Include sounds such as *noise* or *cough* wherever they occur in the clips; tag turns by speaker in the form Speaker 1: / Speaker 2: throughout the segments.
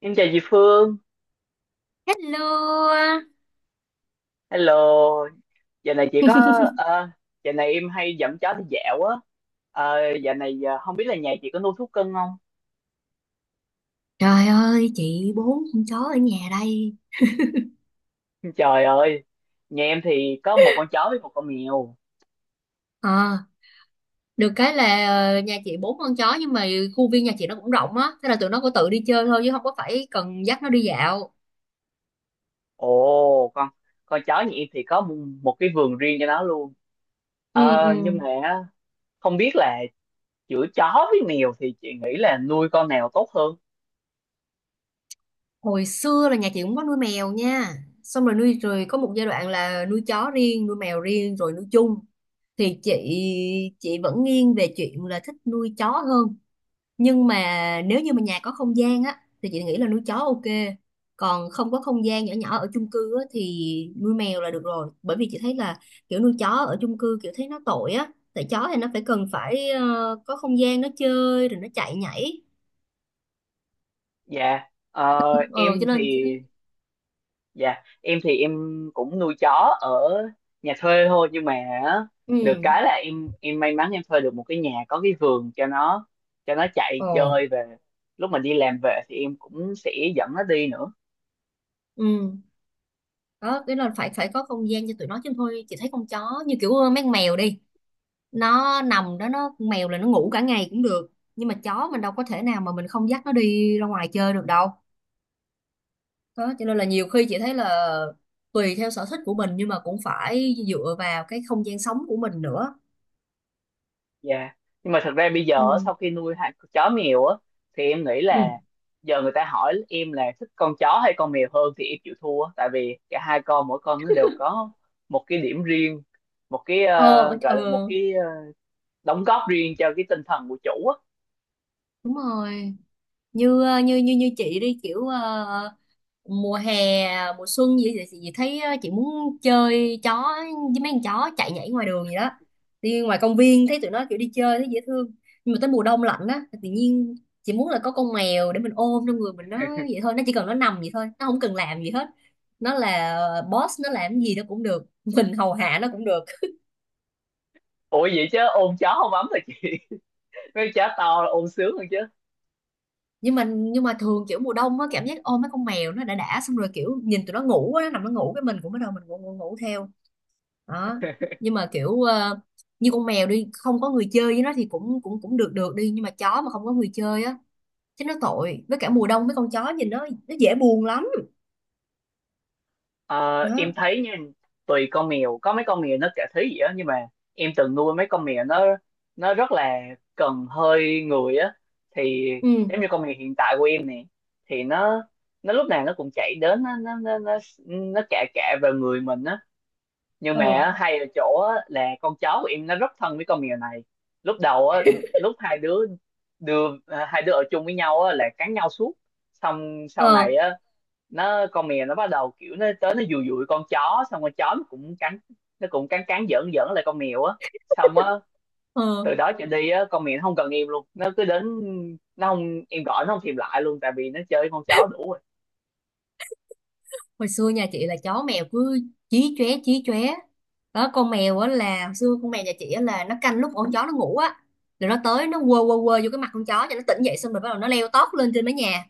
Speaker 1: Em chào chị Phương,
Speaker 2: Hello.
Speaker 1: hello. Giờ này chị có, ờ, giờ này em hay dẫn chó đi dạo á. Ờ, giờ này không biết là nhà chị có nuôi thú cưng không?
Speaker 2: Trời ơi, chị bốn con chó ở nhà đây.
Speaker 1: *laughs* Trời ơi, nhà em thì có một con chó với một con mèo.
Speaker 2: Ờ, được cái là nhà chị bốn con chó, nhưng mà khu viên nhà chị nó cũng rộng á, thế là tụi nó có tự đi chơi thôi chứ không có phải cần dắt nó đi dạo.
Speaker 1: Ồ, con chó nhà em thì có một cái vườn riêng cho nó luôn.
Speaker 2: Ừ,
Speaker 1: Nhưng
Speaker 2: ừ.
Speaker 1: mà không biết là giữa chó với mèo thì chị nghĩ là nuôi con nào tốt hơn?
Speaker 2: Hồi xưa là nhà chị cũng có nuôi mèo nha. Xong rồi nuôi rồi có một giai đoạn là nuôi chó riêng, nuôi mèo riêng rồi nuôi chung. Thì chị vẫn nghiêng về chuyện là thích nuôi chó hơn. Nhưng mà nếu như mà nhà có không gian á thì chị nghĩ là nuôi chó OK, còn không có không gian, nhỏ nhỏ ở chung cư á, thì nuôi mèo là được rồi, bởi vì chị thấy là kiểu nuôi chó ở chung cư kiểu thấy nó tội á, tại chó thì nó phải cần phải có không gian nó chơi rồi nó chạy nhảy.
Speaker 1: Dạ, ờ,
Speaker 2: ừ
Speaker 1: em
Speaker 2: cho
Speaker 1: thì
Speaker 2: nên chị thấy.
Speaker 1: Dạ, em thì em cũng nuôi chó ở nhà thuê thôi nhưng mà á, được
Speaker 2: Ừ.
Speaker 1: cái là em may mắn em thuê được một cái nhà có cái vườn cho nó, cho nó chạy
Speaker 2: Ồ.
Speaker 1: chơi về lúc mà đi làm về thì em cũng sẽ dẫn nó đi nữa.
Speaker 2: Ừ. Đó, cái là phải phải có không gian cho tụi nó chứ, thôi chị thấy con chó như kiểu mấy con mèo đi, nó nằm đó, nó, con mèo là nó ngủ cả ngày cũng được, nhưng mà chó mình đâu có thể nào mà mình không dắt nó đi ra ngoài chơi được đâu. Đó, cho nên là nhiều khi chị thấy là tùy theo sở thích của mình, nhưng mà cũng phải dựa vào cái không gian sống của mình nữa.
Speaker 1: Dạ. Nhưng mà thật ra bây giờ á,
Speaker 2: Ừ.
Speaker 1: sau khi nuôi hai con chó mèo á thì em nghĩ
Speaker 2: Ừ.
Speaker 1: là giờ người ta hỏi em là thích con chó hay con mèo hơn thì em chịu thua tại vì cả hai con, mỗi con nó đều có một cái điểm riêng, một cái,
Speaker 2: Ờ.
Speaker 1: gọi là một
Speaker 2: ờ,
Speaker 1: cái, đóng góp riêng cho cái tinh thần của chủ á.
Speaker 2: đúng rồi. Như như chị đi kiểu mùa hè, mùa xuân gì thì chị thấy chị muốn chơi chó, với mấy con chó chạy nhảy ngoài đường gì đó, đi ngoài công viên thấy tụi nó kiểu đi chơi thấy dễ thương. Nhưng mà tới mùa đông lạnh á, tự nhiên chị muốn là có con mèo để mình ôm trong người mình. Nó vậy thôi, nó chỉ cần nó nằm vậy thôi, nó không cần làm gì hết. Nó là boss, nó làm gì nó cũng được, *laughs* mình hầu hạ nó cũng được.
Speaker 1: Ủa vậy chứ ôm chó không ấm hả chị? *laughs* Mấy con chó to là ôm sướng hơn chứ.
Speaker 2: Nhưng mà thường kiểu mùa đông á, cảm giác ôm mấy con mèo nó đã, xong rồi kiểu nhìn tụi nó ngủ á, nó nằm nó ngủ cái mình cũng bắt đầu mình ngủ ngủ, ngủ theo. Đó. Nhưng mà kiểu như con mèo đi không có người chơi với nó thì cũng cũng cũng được được đi, nhưng mà chó mà không có người chơi á chứ nó tội, với cả mùa đông mấy con chó nhìn nó dễ buồn lắm.
Speaker 1: Ờ, em
Speaker 2: Đó.
Speaker 1: thấy nha, tùy con mèo, có mấy con mèo nó cả thế gì á, nhưng mà em từng nuôi mấy con mèo nó rất là cần hơi người á. Thì
Speaker 2: Ừ.
Speaker 1: giống như con mèo hiện tại của em nè, thì nó lúc nào nó cũng chạy đến nó cạ cạ vào người mình á. Nhưng mà
Speaker 2: Ờ.
Speaker 1: á, hay ở chỗ á, là con chó của em nó rất thân với con mèo này. Lúc đầu á lúc hai đứa, hai đứa ở chung với nhau á là cắn nhau suốt. Xong sau
Speaker 2: Ờ.
Speaker 1: này á con mèo nó bắt đầu kiểu nó tới nó dụi dụi con chó, xong con chó nó cũng cắn, nó cũng cắn cắn giỡn giỡn lại con mèo á. Xong á
Speaker 2: Ờ.
Speaker 1: từ đó trở đi á con mèo nó không cần em luôn, nó cứ đến, nó không, em gọi nó không thèm lại luôn tại vì nó chơi với con chó đủ rồi.
Speaker 2: Hồi xưa nhà chị là chó mèo cứ chí chóe chí chóe. Đó, con mèo á, là hồi xưa con mèo nhà chị á, là nó canh lúc con chó nó ngủ á, rồi nó tới nó quơ quơ quơ vô cái mặt con chó cho nó tỉnh dậy, xong rồi bắt đầu nó leo tót lên trên mái nhà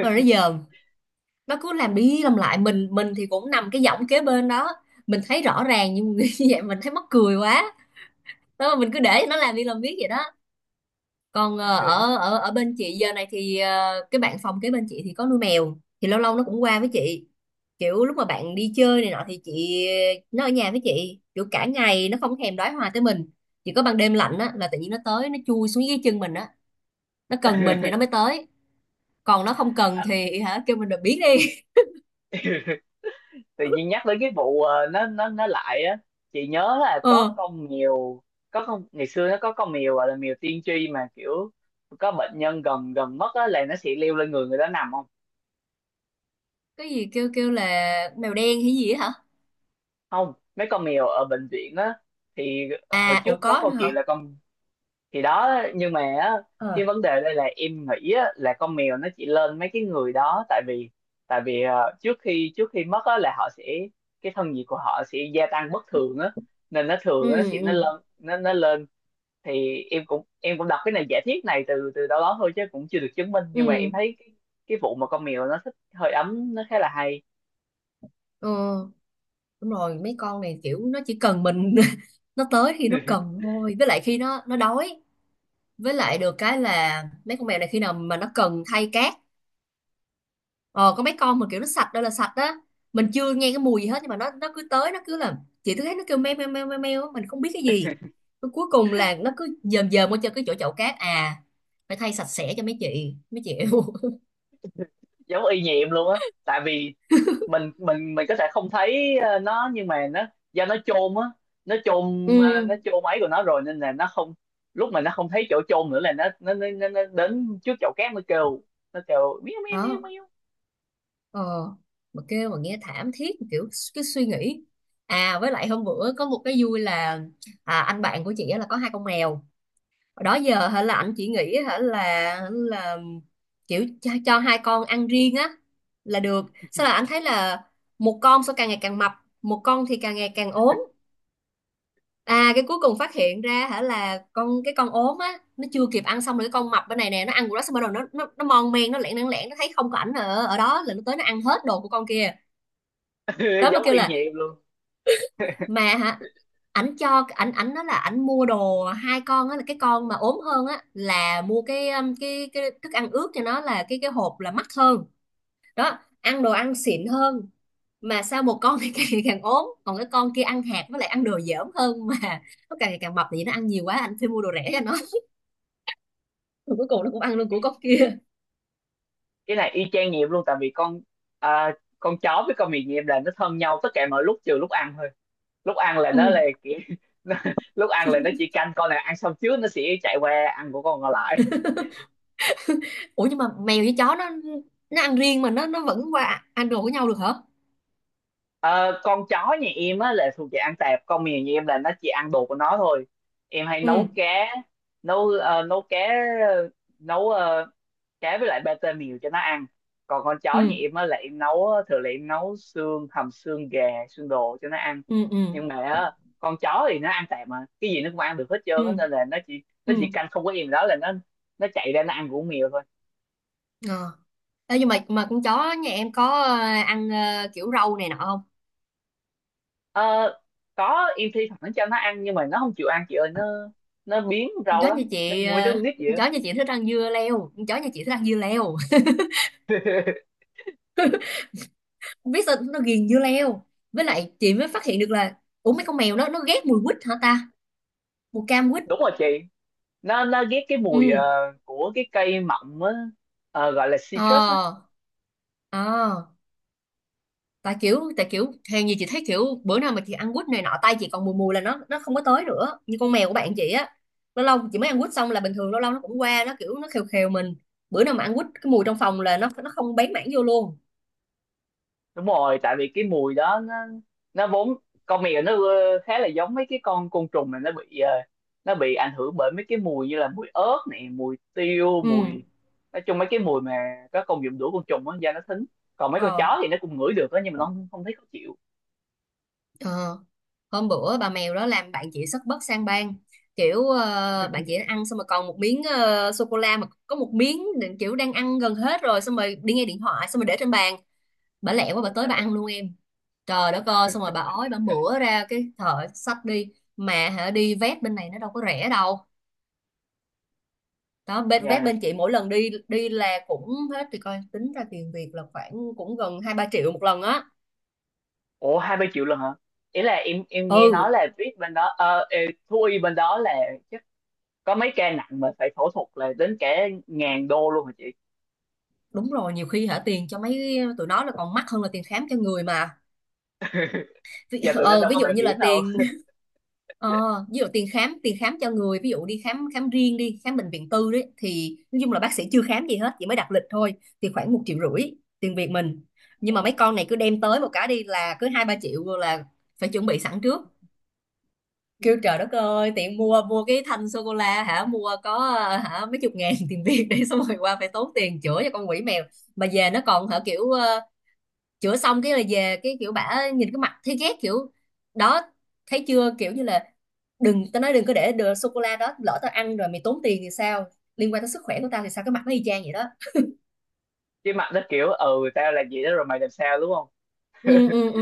Speaker 2: rồi nó dòm. Nó cứ làm đi làm lại, mình thì cũng nằm cái giọng kế bên đó, mình thấy rõ ràng nhưng *laughs* như vậy mình thấy mắc cười quá. Đó, mà mình cứ để nó làm đi làm, biết vậy đó. Còn ờ, ở ở ở bên chị giờ này thì cái bạn phòng kế bên chị thì có nuôi mèo, thì lâu lâu nó cũng qua với chị. Kiểu lúc mà bạn đi chơi này nọ thì chị, nó ở nhà với chị kiểu cả ngày, nó không thèm đói hoài tới mình. Chỉ có ban đêm lạnh á là tự nhiên nó tới nó chui xuống dưới chân mình á. Nó cần mình thì nó mới
Speaker 1: *laughs*
Speaker 2: tới, còn nó không cần thì hả, kêu mình là biến đi.
Speaker 1: Tự
Speaker 2: *laughs*
Speaker 1: nhiên nhắc tới cái vụ nó lại á chị nhớ là có
Speaker 2: ờ
Speaker 1: con mèo, có con ngày xưa nó có con mèo gọi là mèo tiên tri mà kiểu có bệnh nhân gần gần mất á là nó sẽ leo lên người người đó nằm không.
Speaker 2: cái gì kêu kêu là mèo đen hay gì á hả?
Speaker 1: Không, mấy con mèo ở bệnh viện á thì hồi
Speaker 2: À, ủa
Speaker 1: trước có
Speaker 2: có
Speaker 1: câu
Speaker 2: nữa hả?
Speaker 1: chuyện là con thì đó. Nhưng mà á,
Speaker 2: Ờ.
Speaker 1: cái vấn đề đây là em nghĩ á, là con mèo nó chỉ lên mấy cái người đó tại vì trước khi mất á, là họ sẽ, cái thân nhiệt của họ sẽ gia tăng bất thường á, nên nó thường nó
Speaker 2: Ừ,
Speaker 1: sẽ nó
Speaker 2: ừ,
Speaker 1: lên nó lên. Thì em cũng đọc cái này giả thiết này từ từ đâu đó thôi chứ cũng chưa được chứng minh, nhưng mà
Speaker 2: ừ.
Speaker 1: em thấy cái vụ mà con mèo nó thích hơi ấm nó khá là hay.
Speaker 2: Ờ, đúng rồi, mấy con này kiểu nó chỉ cần mình *laughs* nó tới khi nó cần thôi, với lại khi nó đói. Với lại được cái là mấy con mèo này, khi nào mà nó cần thay cát, ờ có mấy con mà kiểu nó sạch đây là sạch á, mình chưa nghe cái mùi gì hết nhưng mà nó cứ tới nó cứ là, chị cứ thấy nó kêu meo meo meo meo meo á, mình không biết cái gì. Rồi cuối cùng là nó cứ dờm dờm qua cho cái chỗ chậu cát, à phải thay sạch sẽ cho mấy chị mấy chị. *laughs*
Speaker 1: Giống y như em luôn á tại vì mình có thể không thấy nó, nhưng mà nó do nó chôn á, nó chôn
Speaker 2: Ừ.
Speaker 1: nó chôn ấy của nó rồi nên là nó không, lúc mà nó không thấy chỗ chôn nữa là nó đến trước chậu cát nó kêu, nó kêu miêu miêu miêu
Speaker 2: Đó.
Speaker 1: miêu.
Speaker 2: Ờ. Mà kêu mà nghe thảm thiết kiểu cái suy nghĩ. À với lại hôm bữa có một cái vui là, à, anh bạn của chị á là có hai con mèo. Hồi đó giờ hả, là anh chỉ nghĩ hả là kiểu cho hai con ăn riêng á là được, sao là anh thấy là một con sao càng ngày càng mập, một con thì càng ngày càng ốm. À, cái cuối cùng phát hiện ra hả là con, cái con ốm á nó chưa kịp ăn, xong rồi cái con mập bên này nè nó ăn của nó xong, bắt đầu nó nó mon men, nó lẻn lẻn lẻn, nó thấy không có ảnh ở ở đó là nó tới nó ăn hết đồ của con kia.
Speaker 1: *laughs*
Speaker 2: Đó mà
Speaker 1: Giống
Speaker 2: kêu
Speaker 1: y như
Speaker 2: là,
Speaker 1: em luôn.
Speaker 2: mà hả, ảnh cho, ảnh ảnh nó, là ảnh mua đồ hai con á, là cái con mà ốm hơn á là mua cái thức ăn ướt cho nó, là cái hộp là mắc hơn. Đó, ăn đồ ăn xịn hơn. Mà sao một con thì *laughs* càng ngày càng ốm, còn cái con kia ăn hạt với lại ăn đồ dởm hơn mà nó càng ngày càng mập. Thì nó ăn nhiều quá, anh phải mua đồ rẻ cho nó, rồi cuối cùng nó cũng ăn luôn của
Speaker 1: cái,
Speaker 2: con kia.
Speaker 1: cái này y chang như em luôn tại vì con, à, con chó với con mèo như em là nó thân nhau tất cả mọi lúc trừ lúc ăn thôi. Lúc ăn là
Speaker 2: Ừ.
Speaker 1: nó là kiểu, *laughs* nó, lúc ăn là nó chỉ canh con này ăn xong trước nó sẽ chạy qua ăn của con còn lại.
Speaker 2: Ủa nhưng mà mèo với chó nó ăn riêng mà nó vẫn qua ăn đồ của nhau được hả?
Speaker 1: Ờ, con chó nhà em á là thuộc về ăn tạp, con mèo nhà em là nó chỉ ăn đồ của nó thôi. Em hay
Speaker 2: Ừ,
Speaker 1: nấu cá, nấu nấu cá, ờ, nấu cá với lại pate mèo cho nó ăn. Còn con
Speaker 2: ừ,
Speaker 1: chó nhà em á là em nấu, thường là em nấu xương hầm xương gà xương đồ cho nó ăn.
Speaker 2: ừ, ừ,
Speaker 1: Nhưng mà á, con chó thì nó ăn tạp mà cái gì nó cũng ăn được hết trơn
Speaker 2: ừ,
Speaker 1: á, nên là nó chỉ nó
Speaker 2: ừ.
Speaker 1: chỉ canh không có em đó là nó chạy ra nó ăn của con mèo thôi.
Speaker 2: À. Ê, nhưng mà con chó nhà em có ăn kiểu rau này nọ không?
Speaker 1: Ờ, có, em thi thoảng cho nó ăn nhưng mà nó không chịu ăn chị ơi, nó biếng
Speaker 2: con
Speaker 1: rau
Speaker 2: chó nhà
Speaker 1: lắm, nó
Speaker 2: chị
Speaker 1: như mấy đứa
Speaker 2: ờ,
Speaker 1: con nít vậy
Speaker 2: con
Speaker 1: á.
Speaker 2: chó nhà chị thích ăn dưa leo, con chó nhà chị thích ăn dưa leo. *laughs*
Speaker 1: *laughs*
Speaker 2: Không biết sao nó ghiền dưa leo. Với lại chị mới phát hiện được là, ủa mấy con mèo nó ghét mùi quýt hả ta, mùi cam quýt.
Speaker 1: Đúng rồi chị, nó ghét cái mùi
Speaker 2: Ừ.
Speaker 1: của cái cây mọng á. Ờ, gọi là citrus á.
Speaker 2: Ờ. Ờ. Tại kiểu hèn gì chị thấy kiểu bữa nào mà chị ăn quýt này nọ tay chị còn mùi mùi là nó không có tới nữa, như con mèo của bạn chị á, lâu lâu chị mới ăn quýt xong là bình thường, lâu lâu nó cũng qua, nó kiểu nó khều khều mình. Bữa nào mà ăn quýt, cái mùi trong phòng là nó không bén mảng vô luôn.
Speaker 1: Đúng rồi tại vì cái mùi đó nó vốn, con mèo nó khá là giống mấy cái con côn trùng mà nó bị nó bị ảnh hưởng bởi mấy cái mùi như là mùi ớt này, mùi tiêu,
Speaker 2: Ừ.
Speaker 1: mùi, nói chung mấy cái mùi mà có công dụng đuổi côn trùng á da nó thính. Còn mấy con chó
Speaker 2: Ờ.
Speaker 1: thì nó cũng ngửi được á nhưng mà nó không, không thấy khó chịu.
Speaker 2: Ờ. Hôm bữa bà mèo đó làm bạn chị sất bất sang bang. Kiểu bạn chị ăn xong rồi còn một miếng sô cô la, mà có một miếng, kiểu đang ăn gần hết rồi, xong rồi đi nghe điện thoại, xong rồi để trên bàn, bà lẹ quá bà
Speaker 1: Ôi
Speaker 2: tới bà
Speaker 1: trời.
Speaker 2: ăn luôn em. Trời đất ơi, xong rồi bà ói bà mửa ra cái thợ xách đi, mà hả đi vét bên này nó đâu có rẻ đâu. Đó, bên vét
Speaker 1: Dạ.
Speaker 2: bên chị mỗi lần đi đi là cũng hết, thì coi tính ra tiền Việt là khoảng cũng gần hai ba triệu một lần á.
Speaker 1: Ủa 20 triệu lần hả? Ý là em nghe nói
Speaker 2: Ừ.
Speaker 1: là VIP bên đó thú y bên đó là chắc có mấy ca nặng mà phải phẫu thuật là đến cả ngàn đô luôn hả chị?
Speaker 2: Đúng rồi, nhiều khi hả tiền cho mấy tụi nó là còn mắc hơn là tiền khám cho người mà.
Speaker 1: *laughs* Giờ tụi nó đâu
Speaker 2: Ví
Speaker 1: có
Speaker 2: dụ
Speaker 1: bảo
Speaker 2: như là
Speaker 1: hiểm đâu.
Speaker 2: tiền. Ờ, Ví dụ tiền khám cho người, ví dụ đi khám khám riêng, đi khám bệnh viện tư đấy, thì nói chung là bác sĩ chưa khám gì hết, chỉ mới đặt lịch thôi thì khoảng một triệu rưỡi tiền Việt mình. Nhưng
Speaker 1: Ờ.
Speaker 2: mà mấy con này cứ đem tới một cái đi là cứ hai ba triệu rồi, là phải chuẩn bị sẵn trước. Kêu trời đất ơi, tiện mua mua cái thanh sô cô la hả, mua có hả mấy chục ngàn *laughs* tiền Việt, để xong rồi qua phải tốn tiền chữa cho con quỷ mèo. Mà về nó còn hả, kiểu chữa xong cái là về, cái kiểu bả nhìn cái mặt thấy ghét kiểu. Đó, thấy chưa, kiểu như là, đừng, tao nói đừng có để đồ sô cô la đó, lỡ tao ăn rồi mày tốn tiền thì sao, liên quan tới sức khỏe của tao thì sao, cái mặt nó y chang vậy đó.
Speaker 1: Chứ mặt nó kiểu ừ tao làm gì đó rồi mày làm sao đúng không?
Speaker 2: Ừ, ừ, ừ.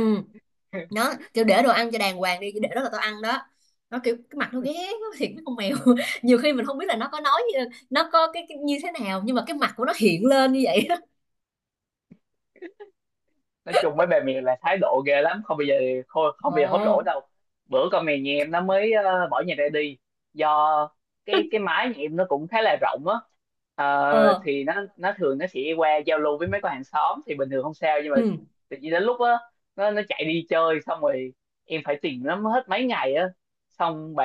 Speaker 2: Nó kiểu, để đồ ăn cho đàng hoàng đi, chứ để đó là tao ăn đó. Nó kiểu cái mặt nó ghét nó thiệt, nó con mèo, *laughs* nhiều khi mình không biết là nó có nói, nó có cái như thế nào, nhưng mà cái mặt của nó hiện lên như vậy đó.
Speaker 1: Nói chung mấy bà mày là thái độ ghê lắm, không bao giờ, không bao giờ hối lỗi
Speaker 2: Ồ.
Speaker 1: đâu. Bữa con mèo nhà em nó mới bỏ nhà ra đi do cái mái nhà em nó cũng khá là rộng á. Ờ,
Speaker 2: Ờ.
Speaker 1: thì nó thường nó sẽ qua giao lưu với mấy con hàng xóm thì bình thường không sao nhưng mà
Speaker 2: Ừ.
Speaker 1: tự nhiên đến lúc á nó chạy đi chơi, xong rồi em phải tìm nó hết mấy ngày á, xong bả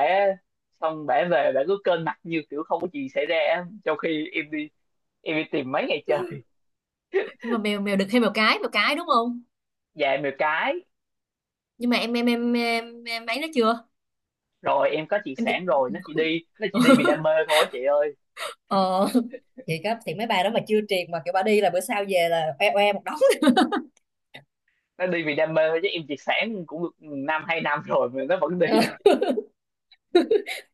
Speaker 1: xong bả về bả cứ kênh mặt như kiểu không có gì xảy ra á, trong khi em đi tìm mấy ngày trời.
Speaker 2: Nhưng mà mèo mèo đực hay mèo cái, mèo cái đúng không?
Speaker 1: Dạ mèo cái.
Speaker 2: Nhưng mà em ấy nó chưa.
Speaker 1: Rồi em có triệt
Speaker 2: Em thì.
Speaker 1: sản rồi, nó chỉ
Speaker 2: *laughs*
Speaker 1: đi nó chỉ đi vì đam mê thôi chị ơi.
Speaker 2: Ờ. Thì cấp thì mấy bài đó mà chưa triệt mà kiểu bà đi là bữa sau về là oe oe một đống. *laughs*
Speaker 1: Nó đi vì đam mê thôi chứ em triệt sản cũng được năm 2 năm rồi mà nó vẫn đi.
Speaker 2: Ờ.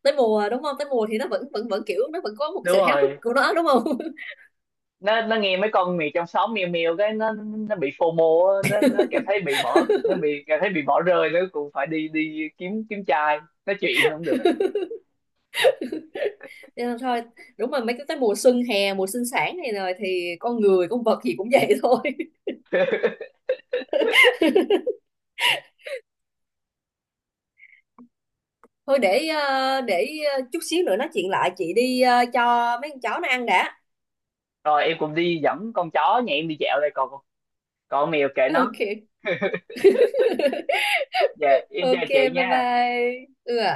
Speaker 2: Tới mùa đúng không, tới mùa thì nó vẫn vẫn vẫn kiểu nó vẫn có một cái
Speaker 1: Đúng
Speaker 2: sự háo hức
Speaker 1: rồi,
Speaker 2: của nó đúng không? *laughs*
Speaker 1: nó nghe mấy con mèo trong xóm meo meo cái nó bị FOMO á, nó cảm thấy bị bỏ, nó bị cảm thấy bị bỏ rơi, nó cũng phải đi, đi kiếm kiếm trai nói chuyện không được.
Speaker 2: Nên là thôi. Đúng rồi, mấy cái tới mùa xuân hè, mùa sinh sản này rồi thì con người con vật gì cũng vậy thôi. *laughs* Thôi để chút xíu nữa nói chuyện lại, chị đi cho mấy con chó nó ăn đã.
Speaker 1: Rồi em cũng đi dẫn con chó nhà em đi dạo đây, còn, còn con mèo
Speaker 2: *laughs*
Speaker 1: kệ nó.
Speaker 2: OK.
Speaker 1: Dạ em chào
Speaker 2: OK.
Speaker 1: chị
Speaker 2: Bye
Speaker 1: nha.
Speaker 2: bye. Ừ ạ.